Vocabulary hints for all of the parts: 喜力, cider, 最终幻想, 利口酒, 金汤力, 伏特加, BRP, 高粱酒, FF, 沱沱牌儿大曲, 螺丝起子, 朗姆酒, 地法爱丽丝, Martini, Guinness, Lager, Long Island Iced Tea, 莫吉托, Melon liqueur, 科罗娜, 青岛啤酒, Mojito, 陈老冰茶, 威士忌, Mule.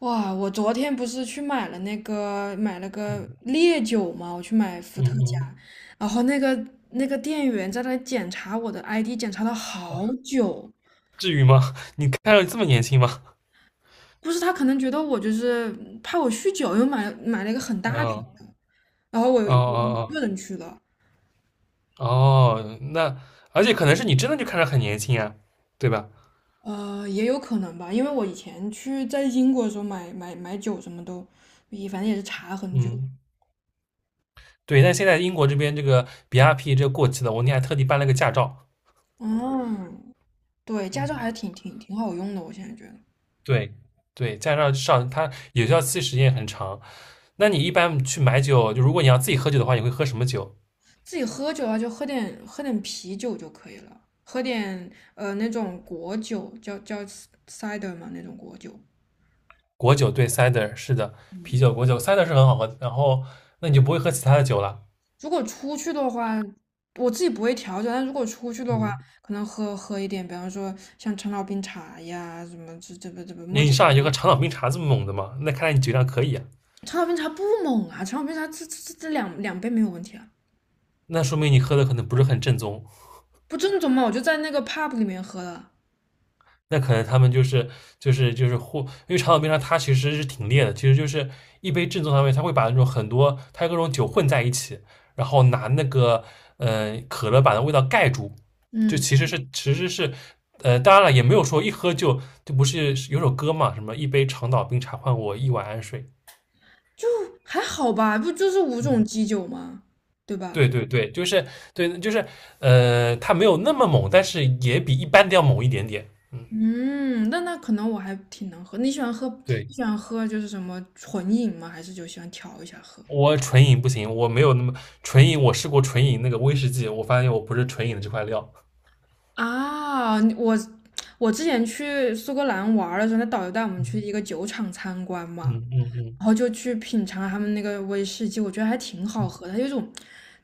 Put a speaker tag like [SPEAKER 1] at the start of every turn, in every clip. [SPEAKER 1] 哇，我昨天不是去买了买了个
[SPEAKER 2] 嗯
[SPEAKER 1] 烈酒嘛，我去买伏
[SPEAKER 2] 嗯
[SPEAKER 1] 特
[SPEAKER 2] 嗯，
[SPEAKER 1] 加，然后那个店员在那检查我的 ID，检查了好久。
[SPEAKER 2] 至于吗？你看着这么年轻吗？
[SPEAKER 1] 不是他可能觉得我就是怕我酗酒，又买了一个很
[SPEAKER 2] 嗯，
[SPEAKER 1] 大瓶
[SPEAKER 2] 哦
[SPEAKER 1] 的，然后我一
[SPEAKER 2] 哦
[SPEAKER 1] 个人去的。
[SPEAKER 2] 哦哦，那而且可能是你真的就看着很年轻啊，对吧？
[SPEAKER 1] 也有可能吧，因为我以前去在英国的时候买酒什么都，也反正也是查很久。
[SPEAKER 2] 嗯，对。但现在英国这边这个 BRP 这个过期了，我那天还特地办了个驾照。
[SPEAKER 1] 嗯，对，驾照还是挺好用的，我现在觉得。
[SPEAKER 2] 对对，驾照上它有效期时间很长。那你一般去买酒，就如果你要自己喝酒的话，你会喝什么酒？
[SPEAKER 1] 自己喝酒啊，就喝点啤酒就可以了，喝点那种果酒，叫 cider 嘛那种果酒。
[SPEAKER 2] 果酒对，cider 是的，啤
[SPEAKER 1] 嗯，
[SPEAKER 2] 酒、果酒，cider 是很好喝。然后那你就不会喝其他的酒了。
[SPEAKER 1] 如果出去的话，我自己不会调酒，但如果出去的话，
[SPEAKER 2] 嗯，
[SPEAKER 1] 可能喝一点，比方说像陈老冰茶呀，什么这个莫
[SPEAKER 2] 你
[SPEAKER 1] 吉
[SPEAKER 2] 上来
[SPEAKER 1] 托。
[SPEAKER 2] 就喝长岛冰茶这么猛的嘛？那看来你酒量可以啊，
[SPEAKER 1] 陈老冰茶不猛啊，陈老冰茶这两杯没有问题啊。
[SPEAKER 2] 那说明你喝的可能不是很正宗。
[SPEAKER 1] 不正宗嘛，我就在那个 pub 里面喝的。
[SPEAKER 2] 那可能他们就是或因为长岛冰茶它其实是挺烈的，其实就是一杯正宗上面，它会把那种很多它各种酒混在一起，然后拿那个可乐把那味道盖住，就
[SPEAKER 1] 嗯，
[SPEAKER 2] 其实是其实是当然了，也没有说一喝就不是有首歌嘛，什么一杯长岛冰茶换我一碗安睡，
[SPEAKER 1] 就还好吧，不就是五种
[SPEAKER 2] 嗯。
[SPEAKER 1] 基酒吗？对吧？
[SPEAKER 2] 对对对，就是对，就是它没有那么猛，但是也比一般的要猛一点点。嗯，
[SPEAKER 1] 嗯，那那可能我还挺能喝。你喜欢喝，
[SPEAKER 2] 对，
[SPEAKER 1] 你喜欢喝就是什么纯饮吗？还是就喜欢调一下喝？
[SPEAKER 2] 我纯饮不行，我没有那么纯饮，我试过纯饮那个威士忌，我发现我不是纯饮的这块料。
[SPEAKER 1] 啊，我之前去苏格兰玩儿的时候，那导游带我们去一个酒厂参观嘛，
[SPEAKER 2] 嗯嗯嗯，
[SPEAKER 1] 然后就去品尝他们那个威士忌，我觉得还挺好喝的，它有一种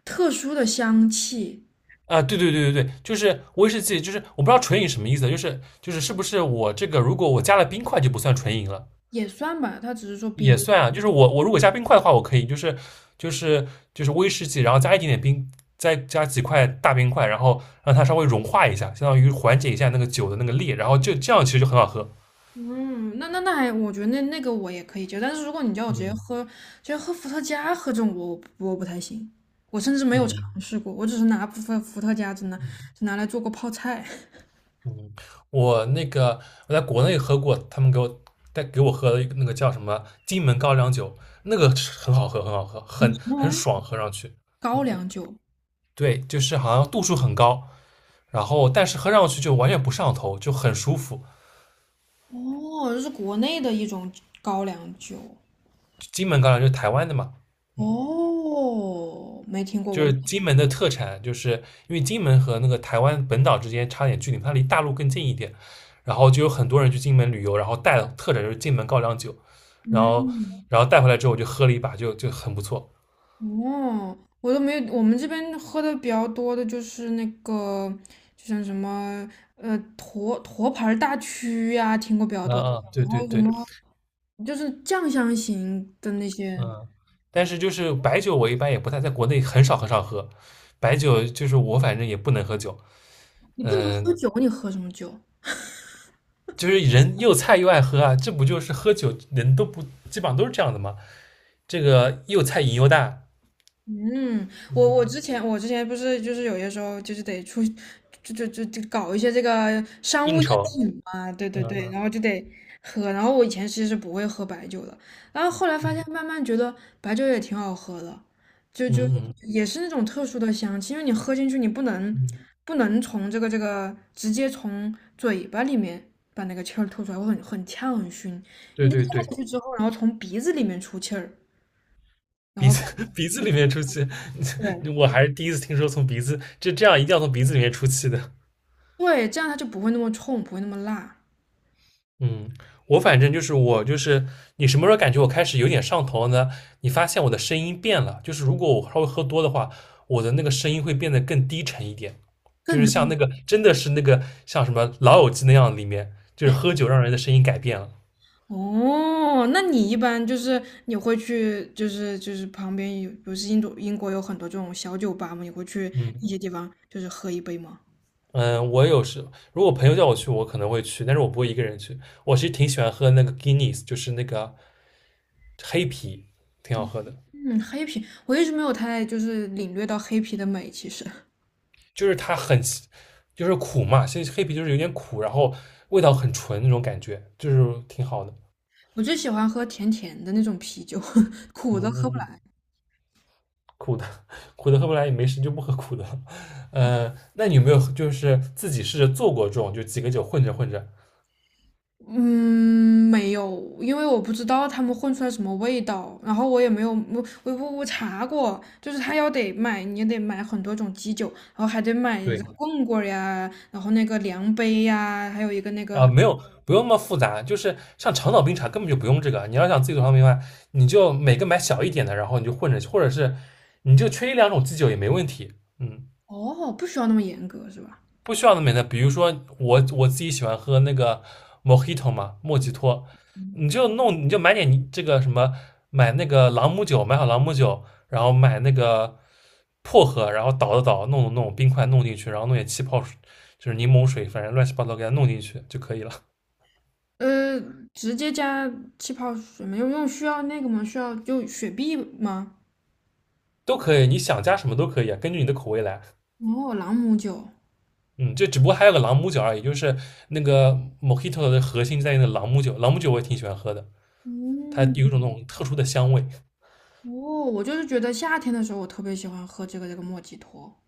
[SPEAKER 1] 特殊的香气。
[SPEAKER 2] 啊，对对对对对，就是威士忌，就是我不知道纯饮什么意思，就是就是是不是我这个如果我加了冰块就不算纯饮了？
[SPEAKER 1] 也算吧，它只是说
[SPEAKER 2] 也
[SPEAKER 1] 冰。
[SPEAKER 2] 算啊，就是我如果加冰块的话，我可以就是就是威士忌，然后加一点点冰，再加几块大冰块，然后让它稍微融化一下，相当于缓解一下那个酒的那个烈，然后就这样其实就很好喝。
[SPEAKER 1] 嗯，那那那还，我觉得那那个我也可以接受，但是如果你叫我直接
[SPEAKER 2] 嗯
[SPEAKER 1] 喝，直接喝伏特加喝这种，我不太行。我甚至没有
[SPEAKER 2] 嗯
[SPEAKER 1] 尝试过，我只是拿部分伏特加只拿
[SPEAKER 2] 嗯
[SPEAKER 1] 只拿来做过泡菜。什
[SPEAKER 2] 嗯，我那个我在国内喝过，他们带给我喝了一个那个叫什么金门高粱酒，那个是很好喝，很好喝，很
[SPEAKER 1] 么玩
[SPEAKER 2] 很
[SPEAKER 1] 意儿？
[SPEAKER 2] 爽，喝上去。
[SPEAKER 1] 高
[SPEAKER 2] 嗯，
[SPEAKER 1] 粱酒，
[SPEAKER 2] 对，就是好像度数很高，然后但是喝上去就完全不上头，就很舒服。
[SPEAKER 1] 哦，这是国内的一种高粱酒。
[SPEAKER 2] 金门高粱就是台湾的嘛，嗯，
[SPEAKER 1] 哦，没听过，
[SPEAKER 2] 就
[SPEAKER 1] 我
[SPEAKER 2] 是
[SPEAKER 1] 们，
[SPEAKER 2] 金门的特产，就是因为金门和那个台湾本岛之间差点距离，它离大陆更近一点，然后就有很多人去金门旅游，然后带特产就是金门高粱酒，然后
[SPEAKER 1] 嗯。
[SPEAKER 2] 然后带回来之后我就喝了一把，就很不错。
[SPEAKER 1] 哦，我都没有，我们这边喝的比较多的就是那个，就像什么沱沱牌儿大曲呀、听过比较
[SPEAKER 2] 嗯
[SPEAKER 1] 多。
[SPEAKER 2] 嗯，对
[SPEAKER 1] 然
[SPEAKER 2] 对
[SPEAKER 1] 后什
[SPEAKER 2] 对，
[SPEAKER 1] 么就是酱香型的那些。
[SPEAKER 2] 嗯，但是就是白酒我一般也不太在国内很少很少喝，白酒就是我反正也不能喝酒，
[SPEAKER 1] 你不能
[SPEAKER 2] 嗯，
[SPEAKER 1] 喝酒，你喝什么酒？
[SPEAKER 2] 就是人又菜又爱喝啊，这不就是喝酒人都不基本上都是这样的吗？这个又菜瘾又大，
[SPEAKER 1] 嗯，我之前不是就是有些时候就是得出，就搞一些这个商务
[SPEAKER 2] 应
[SPEAKER 1] 宴
[SPEAKER 2] 酬，
[SPEAKER 1] 请嘛，对
[SPEAKER 2] 嗯
[SPEAKER 1] 对对。
[SPEAKER 2] 嗯
[SPEAKER 1] 然后就得喝，然后我以前其实是不会喝白酒的，然后后来发现慢慢觉得白酒也挺好喝的，就
[SPEAKER 2] 嗯
[SPEAKER 1] 就
[SPEAKER 2] 嗯嗯
[SPEAKER 1] 也是那种特殊的香气，因为你喝进去你不能
[SPEAKER 2] 嗯，
[SPEAKER 1] 不能从这个直接从嘴巴里面把那个气儿吐出来，会很呛很熏，
[SPEAKER 2] 对
[SPEAKER 1] 你得咽
[SPEAKER 2] 对对，
[SPEAKER 1] 下去之后，然后从鼻子里面出气儿，然
[SPEAKER 2] 鼻
[SPEAKER 1] 后。
[SPEAKER 2] 子 鼻子里面出气，
[SPEAKER 1] 对。
[SPEAKER 2] 我还是第一次听说从鼻子这样一定要从鼻子里面出气的。
[SPEAKER 1] 对，这样它就不会那么冲，不会那么辣。
[SPEAKER 2] 嗯，我反正就是我就是你什么时候感觉我开始有点上头了呢？你发现我的声音变了，就是如果我稍微喝多的话，我的那个声音会变得更低沉一点，就
[SPEAKER 1] 更
[SPEAKER 2] 是像
[SPEAKER 1] 低，
[SPEAKER 2] 那个真的是那个像什么《老友记》那样，里面就是喝酒让人的声音改变了。
[SPEAKER 1] 哦，那你一般就是你会去，就是就是旁边有，不是印度英国有很多这种小酒吧嘛，你会去
[SPEAKER 2] 嗯。
[SPEAKER 1] 一些地方就是喝一杯吗？
[SPEAKER 2] 嗯，我有时如果朋友叫我去，我可能会去，但是我不会一个人去。我其实挺喜欢喝那个 Guinness，就是那个黑啤，挺好喝的。
[SPEAKER 1] 嗯，黑啤，我一直没有太就是领略到黑啤的美。其实
[SPEAKER 2] 就是它很，就是苦嘛，现在黑啤就是有点苦，然后味道很纯那种感觉，就是挺好的。
[SPEAKER 1] 我最喜欢喝甜甜的那种啤酒，苦
[SPEAKER 2] 嗯
[SPEAKER 1] 的喝
[SPEAKER 2] 嗯
[SPEAKER 1] 不
[SPEAKER 2] 嗯，
[SPEAKER 1] 来。
[SPEAKER 2] 苦的 苦的喝不来也没事，就不喝苦的。那你有没有就是自己试着做过这种，就几个酒混着混着？
[SPEAKER 1] 嗯，没有，因为我不知道他们混出来什么味道，然后我也没有，我查过，就是他要得买，你也得买很多种基酒，然后还得买
[SPEAKER 2] 对，
[SPEAKER 1] 棍棍儿呀，然后那个量杯呀，还有一个那
[SPEAKER 2] 啊，
[SPEAKER 1] 个。
[SPEAKER 2] 没有，不用那么复杂，就是像长岛冰茶根本就不用这个。你要想自己做长岛冰茶，你就每个买小一点的，然后你就混着，或者是你就缺一两种基酒也没问题。嗯，
[SPEAKER 1] 哦，不需要那么严格是吧？
[SPEAKER 2] 不需要那么的，比如说我自己喜欢喝那个 Mojito 嘛，莫吉托，你就买点你这个什么，买那个朗姆酒，买好朗姆酒，然后买那个薄荷，然后倒的倒，弄冰块弄进去，然后弄点气泡水，就是柠檬水，反正乱七八糟给它弄进去就可以了。
[SPEAKER 1] 呃，直接加气泡水吗？用需要那个吗？需要就雪碧吗？
[SPEAKER 2] 都可以，你想加什么都可以啊，根据你的口味来。
[SPEAKER 1] 哦，朗姆酒。
[SPEAKER 2] 嗯，这只不过还有个朗姆酒而已，就是那个 Mojito 的核心在于那个朗姆酒，朗姆酒我也挺喜欢喝的，它
[SPEAKER 1] 嗯，
[SPEAKER 2] 有一种那种特殊的香味。
[SPEAKER 1] 哦，我就是觉得夏天的时候我特别喜欢喝这个莫吉托。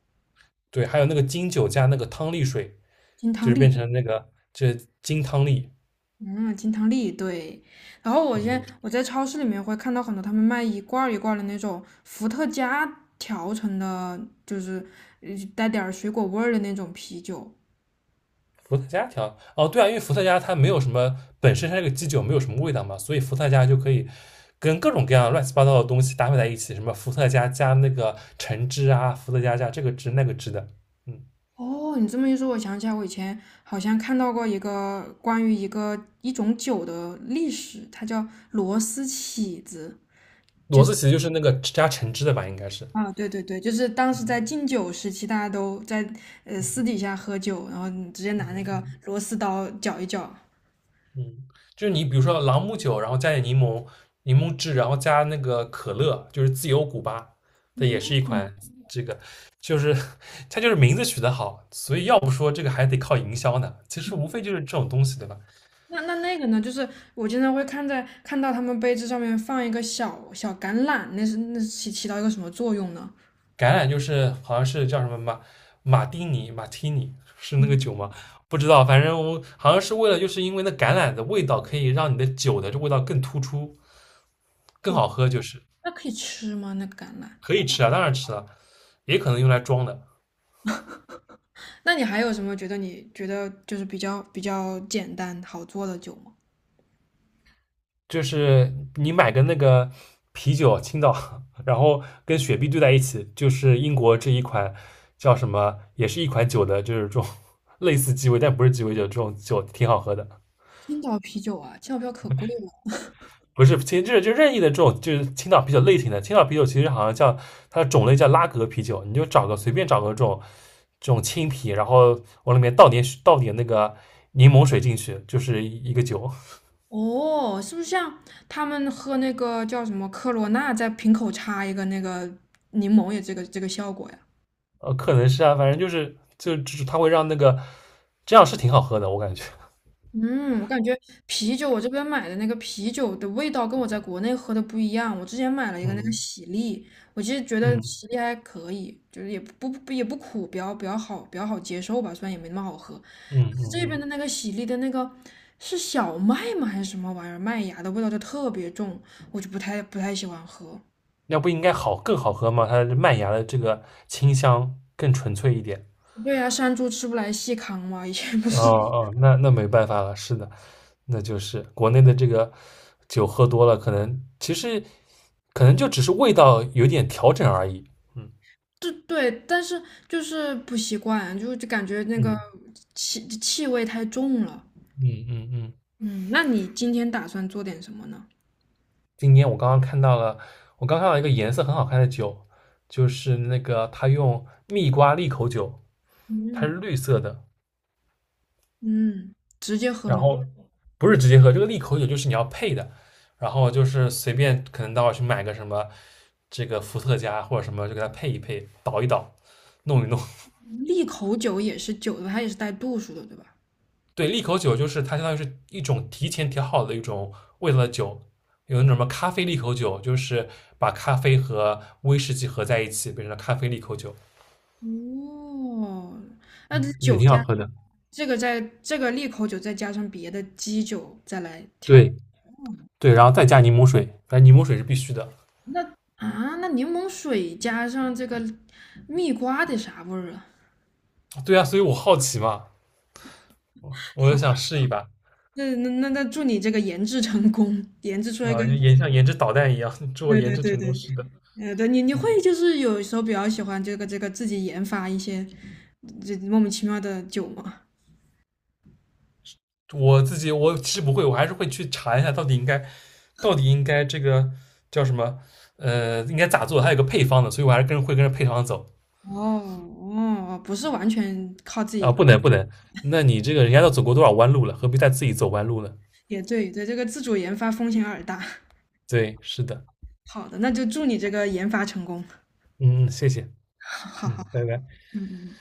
[SPEAKER 2] 对，还有那个金酒加那个汤力水，
[SPEAKER 1] 金
[SPEAKER 2] 就
[SPEAKER 1] 汤
[SPEAKER 2] 是变
[SPEAKER 1] 力。
[SPEAKER 2] 成这金汤力。
[SPEAKER 1] 嗯，金汤力对。然后我现在
[SPEAKER 2] 嗯，
[SPEAKER 1] 我在超市里面会看到很多他们卖一罐儿一罐儿的那种伏特加调成的，就是呃带点儿水果味儿的那种啤酒。
[SPEAKER 2] 伏特加调？哦，对啊，因为伏特加它没有什么本身它这个基酒没有什么味道嘛，所以伏特加就可以跟各种各样乱七八糟的东西搭配在一起，什么伏特加加那个橙汁啊，伏特加加这个汁那个汁的。嗯，
[SPEAKER 1] 哦，你这么一说，我想起来，我以前好像看到过一个关于一个一种酒的历史，它叫螺丝起子。
[SPEAKER 2] 骡子其实就是那个加橙汁的吧，应该是，
[SPEAKER 1] 啊，对对对，就是当时在禁酒时期，大家都在私底下喝酒，然后你直接
[SPEAKER 2] 嗯
[SPEAKER 1] 拿那个
[SPEAKER 2] 嗯
[SPEAKER 1] 螺丝刀搅一绞。
[SPEAKER 2] 嗯，就是你比如说朗姆酒，然后加点柠檬汁，然后加那个可乐，就是自由古巴，这也是一款这个，就是它就是名字取得好，所以要不说这个还得靠营销呢。其实无非就是这种东西，对吧？
[SPEAKER 1] 那那那个呢？就是我经常会看到他们杯子上面放一个小小橄榄，那是起到一个什么作用呢？
[SPEAKER 2] 橄榄就是好像是叫什么马丁尼马提尼是那个酒吗？不知道，反正我好像是为了就是因为那橄榄的味道可以让你的酒的这味道更突出，更
[SPEAKER 1] 哦，
[SPEAKER 2] 好喝，就是
[SPEAKER 1] 那可以吃吗？那个橄榄？
[SPEAKER 2] 可以吃啊，当然吃了，也可能用来装的。
[SPEAKER 1] 那你还有什么觉得你觉得就是比较简单好做的酒吗？
[SPEAKER 2] 就是你买个那个啤酒，青岛，然后跟雪碧兑在一起，就是英国这一款叫什么，也是一款酒的，就是这种 类似鸡尾，但不是鸡尾酒，这种酒挺好喝的。
[SPEAKER 1] 青岛啤酒啊，青岛啤酒可贵了。
[SPEAKER 2] 不是，其实这就任意的这种就是青岛啤酒类型的，青岛啤酒其实好像叫它的种类叫拉格啤酒，你就随便找个这种青啤，然后往里面倒点那个柠檬水进去，就是一个酒。
[SPEAKER 1] 哦，是不是像他们喝那个叫什么科罗娜，在瓶口插一个那个柠檬也这个效果呀？
[SPEAKER 2] 可能是啊，反正就是它会让那个这样是挺好喝的，我感觉。
[SPEAKER 1] 嗯，我感觉啤酒，我这边买的那个啤酒的味道跟我在国内喝的不一样。我之前买了一个那个
[SPEAKER 2] 嗯
[SPEAKER 1] 喜力，我其实觉得
[SPEAKER 2] 嗯
[SPEAKER 1] 喜力还可以，就是也不也不苦，比较好接受吧，虽然也没那么好喝。
[SPEAKER 2] 嗯
[SPEAKER 1] 但
[SPEAKER 2] 嗯
[SPEAKER 1] 是这边
[SPEAKER 2] 嗯，
[SPEAKER 1] 的那个喜力的那个是小麦吗还是什么玩意儿？麦芽的味道就特别重，我就不太喜欢喝。
[SPEAKER 2] 那不应该更好喝吗？它的麦芽的这个清香更纯粹一点。
[SPEAKER 1] 对呀、山猪吃不来细糠嘛，以前不
[SPEAKER 2] 哦
[SPEAKER 1] 是。
[SPEAKER 2] 哦，那没办法了，是的，那就是国内的这个酒喝多了，其实可能就只是味道有点调整而已。嗯
[SPEAKER 1] 对对，但是就是不习惯，就就感觉那个
[SPEAKER 2] 嗯
[SPEAKER 1] 气味太重了。
[SPEAKER 2] 嗯嗯嗯。
[SPEAKER 1] 嗯，那你今天打算做点什么呢？
[SPEAKER 2] 今天我刚刚看到了，我刚看到一个颜色很好看的酒，就是那个它用蜜瓜利口酒，它是
[SPEAKER 1] 嗯
[SPEAKER 2] 绿色的，
[SPEAKER 1] 嗯，直接喝
[SPEAKER 2] 然
[SPEAKER 1] 吗？
[SPEAKER 2] 后不是直接喝，这个利口酒就是你要配的，然后就是随便可能到去买个什么这个伏特加或者什么，就给它配一配，倒一倒，弄一弄。
[SPEAKER 1] 利口酒也是酒的，它也是带度数的，对吧？
[SPEAKER 2] 对，利口酒就是它相当于是一种提前调好的一种味道的酒，有那种什么咖啡利口酒，就是把咖啡和威士忌合在一起，变成了咖啡利口酒。
[SPEAKER 1] 哦，那这
[SPEAKER 2] 嗯，也
[SPEAKER 1] 酒
[SPEAKER 2] 挺好
[SPEAKER 1] 加
[SPEAKER 2] 喝的。
[SPEAKER 1] 这个再这个利口酒再加上别的基酒再来调。
[SPEAKER 2] 对对，然后再加柠檬水，反正柠檬水是必须的。
[SPEAKER 1] 那啊，那柠檬水加上这个蜜瓜得啥味儿啊？
[SPEAKER 2] 对啊，所以我好奇嘛，我就想
[SPEAKER 1] 好，
[SPEAKER 2] 试一把。
[SPEAKER 1] 那祝你这个研制成功，研制出来一个
[SPEAKER 2] 研像研制导弹一样，祝我
[SPEAKER 1] 对
[SPEAKER 2] 研
[SPEAKER 1] 对
[SPEAKER 2] 制
[SPEAKER 1] 对
[SPEAKER 2] 成功。
[SPEAKER 1] 对。
[SPEAKER 2] 是的，
[SPEAKER 1] 呃，对你你会就是有时候比较喜欢这个自己研发一些这莫名其妙的酒吗？
[SPEAKER 2] 我自己我其实不会，我还是会去查一下到底应该，到底应该这个叫什么？应该咋做？它有个配方的，所以我还是会跟着配方走
[SPEAKER 1] 哦哦，不是完全靠自
[SPEAKER 2] 啊。
[SPEAKER 1] 己。
[SPEAKER 2] 不能不能，那你这个人家都走过多少弯路了，何必再自己走弯路呢？
[SPEAKER 1] 也对对，这个自主研发风险有点大。
[SPEAKER 2] 对，是的，
[SPEAKER 1] 好的，那就祝你这个研发成功。
[SPEAKER 2] 嗯，谢谢，
[SPEAKER 1] 好好
[SPEAKER 2] 嗯，
[SPEAKER 1] 好，
[SPEAKER 2] 拜拜。
[SPEAKER 1] 嗯嗯。嗯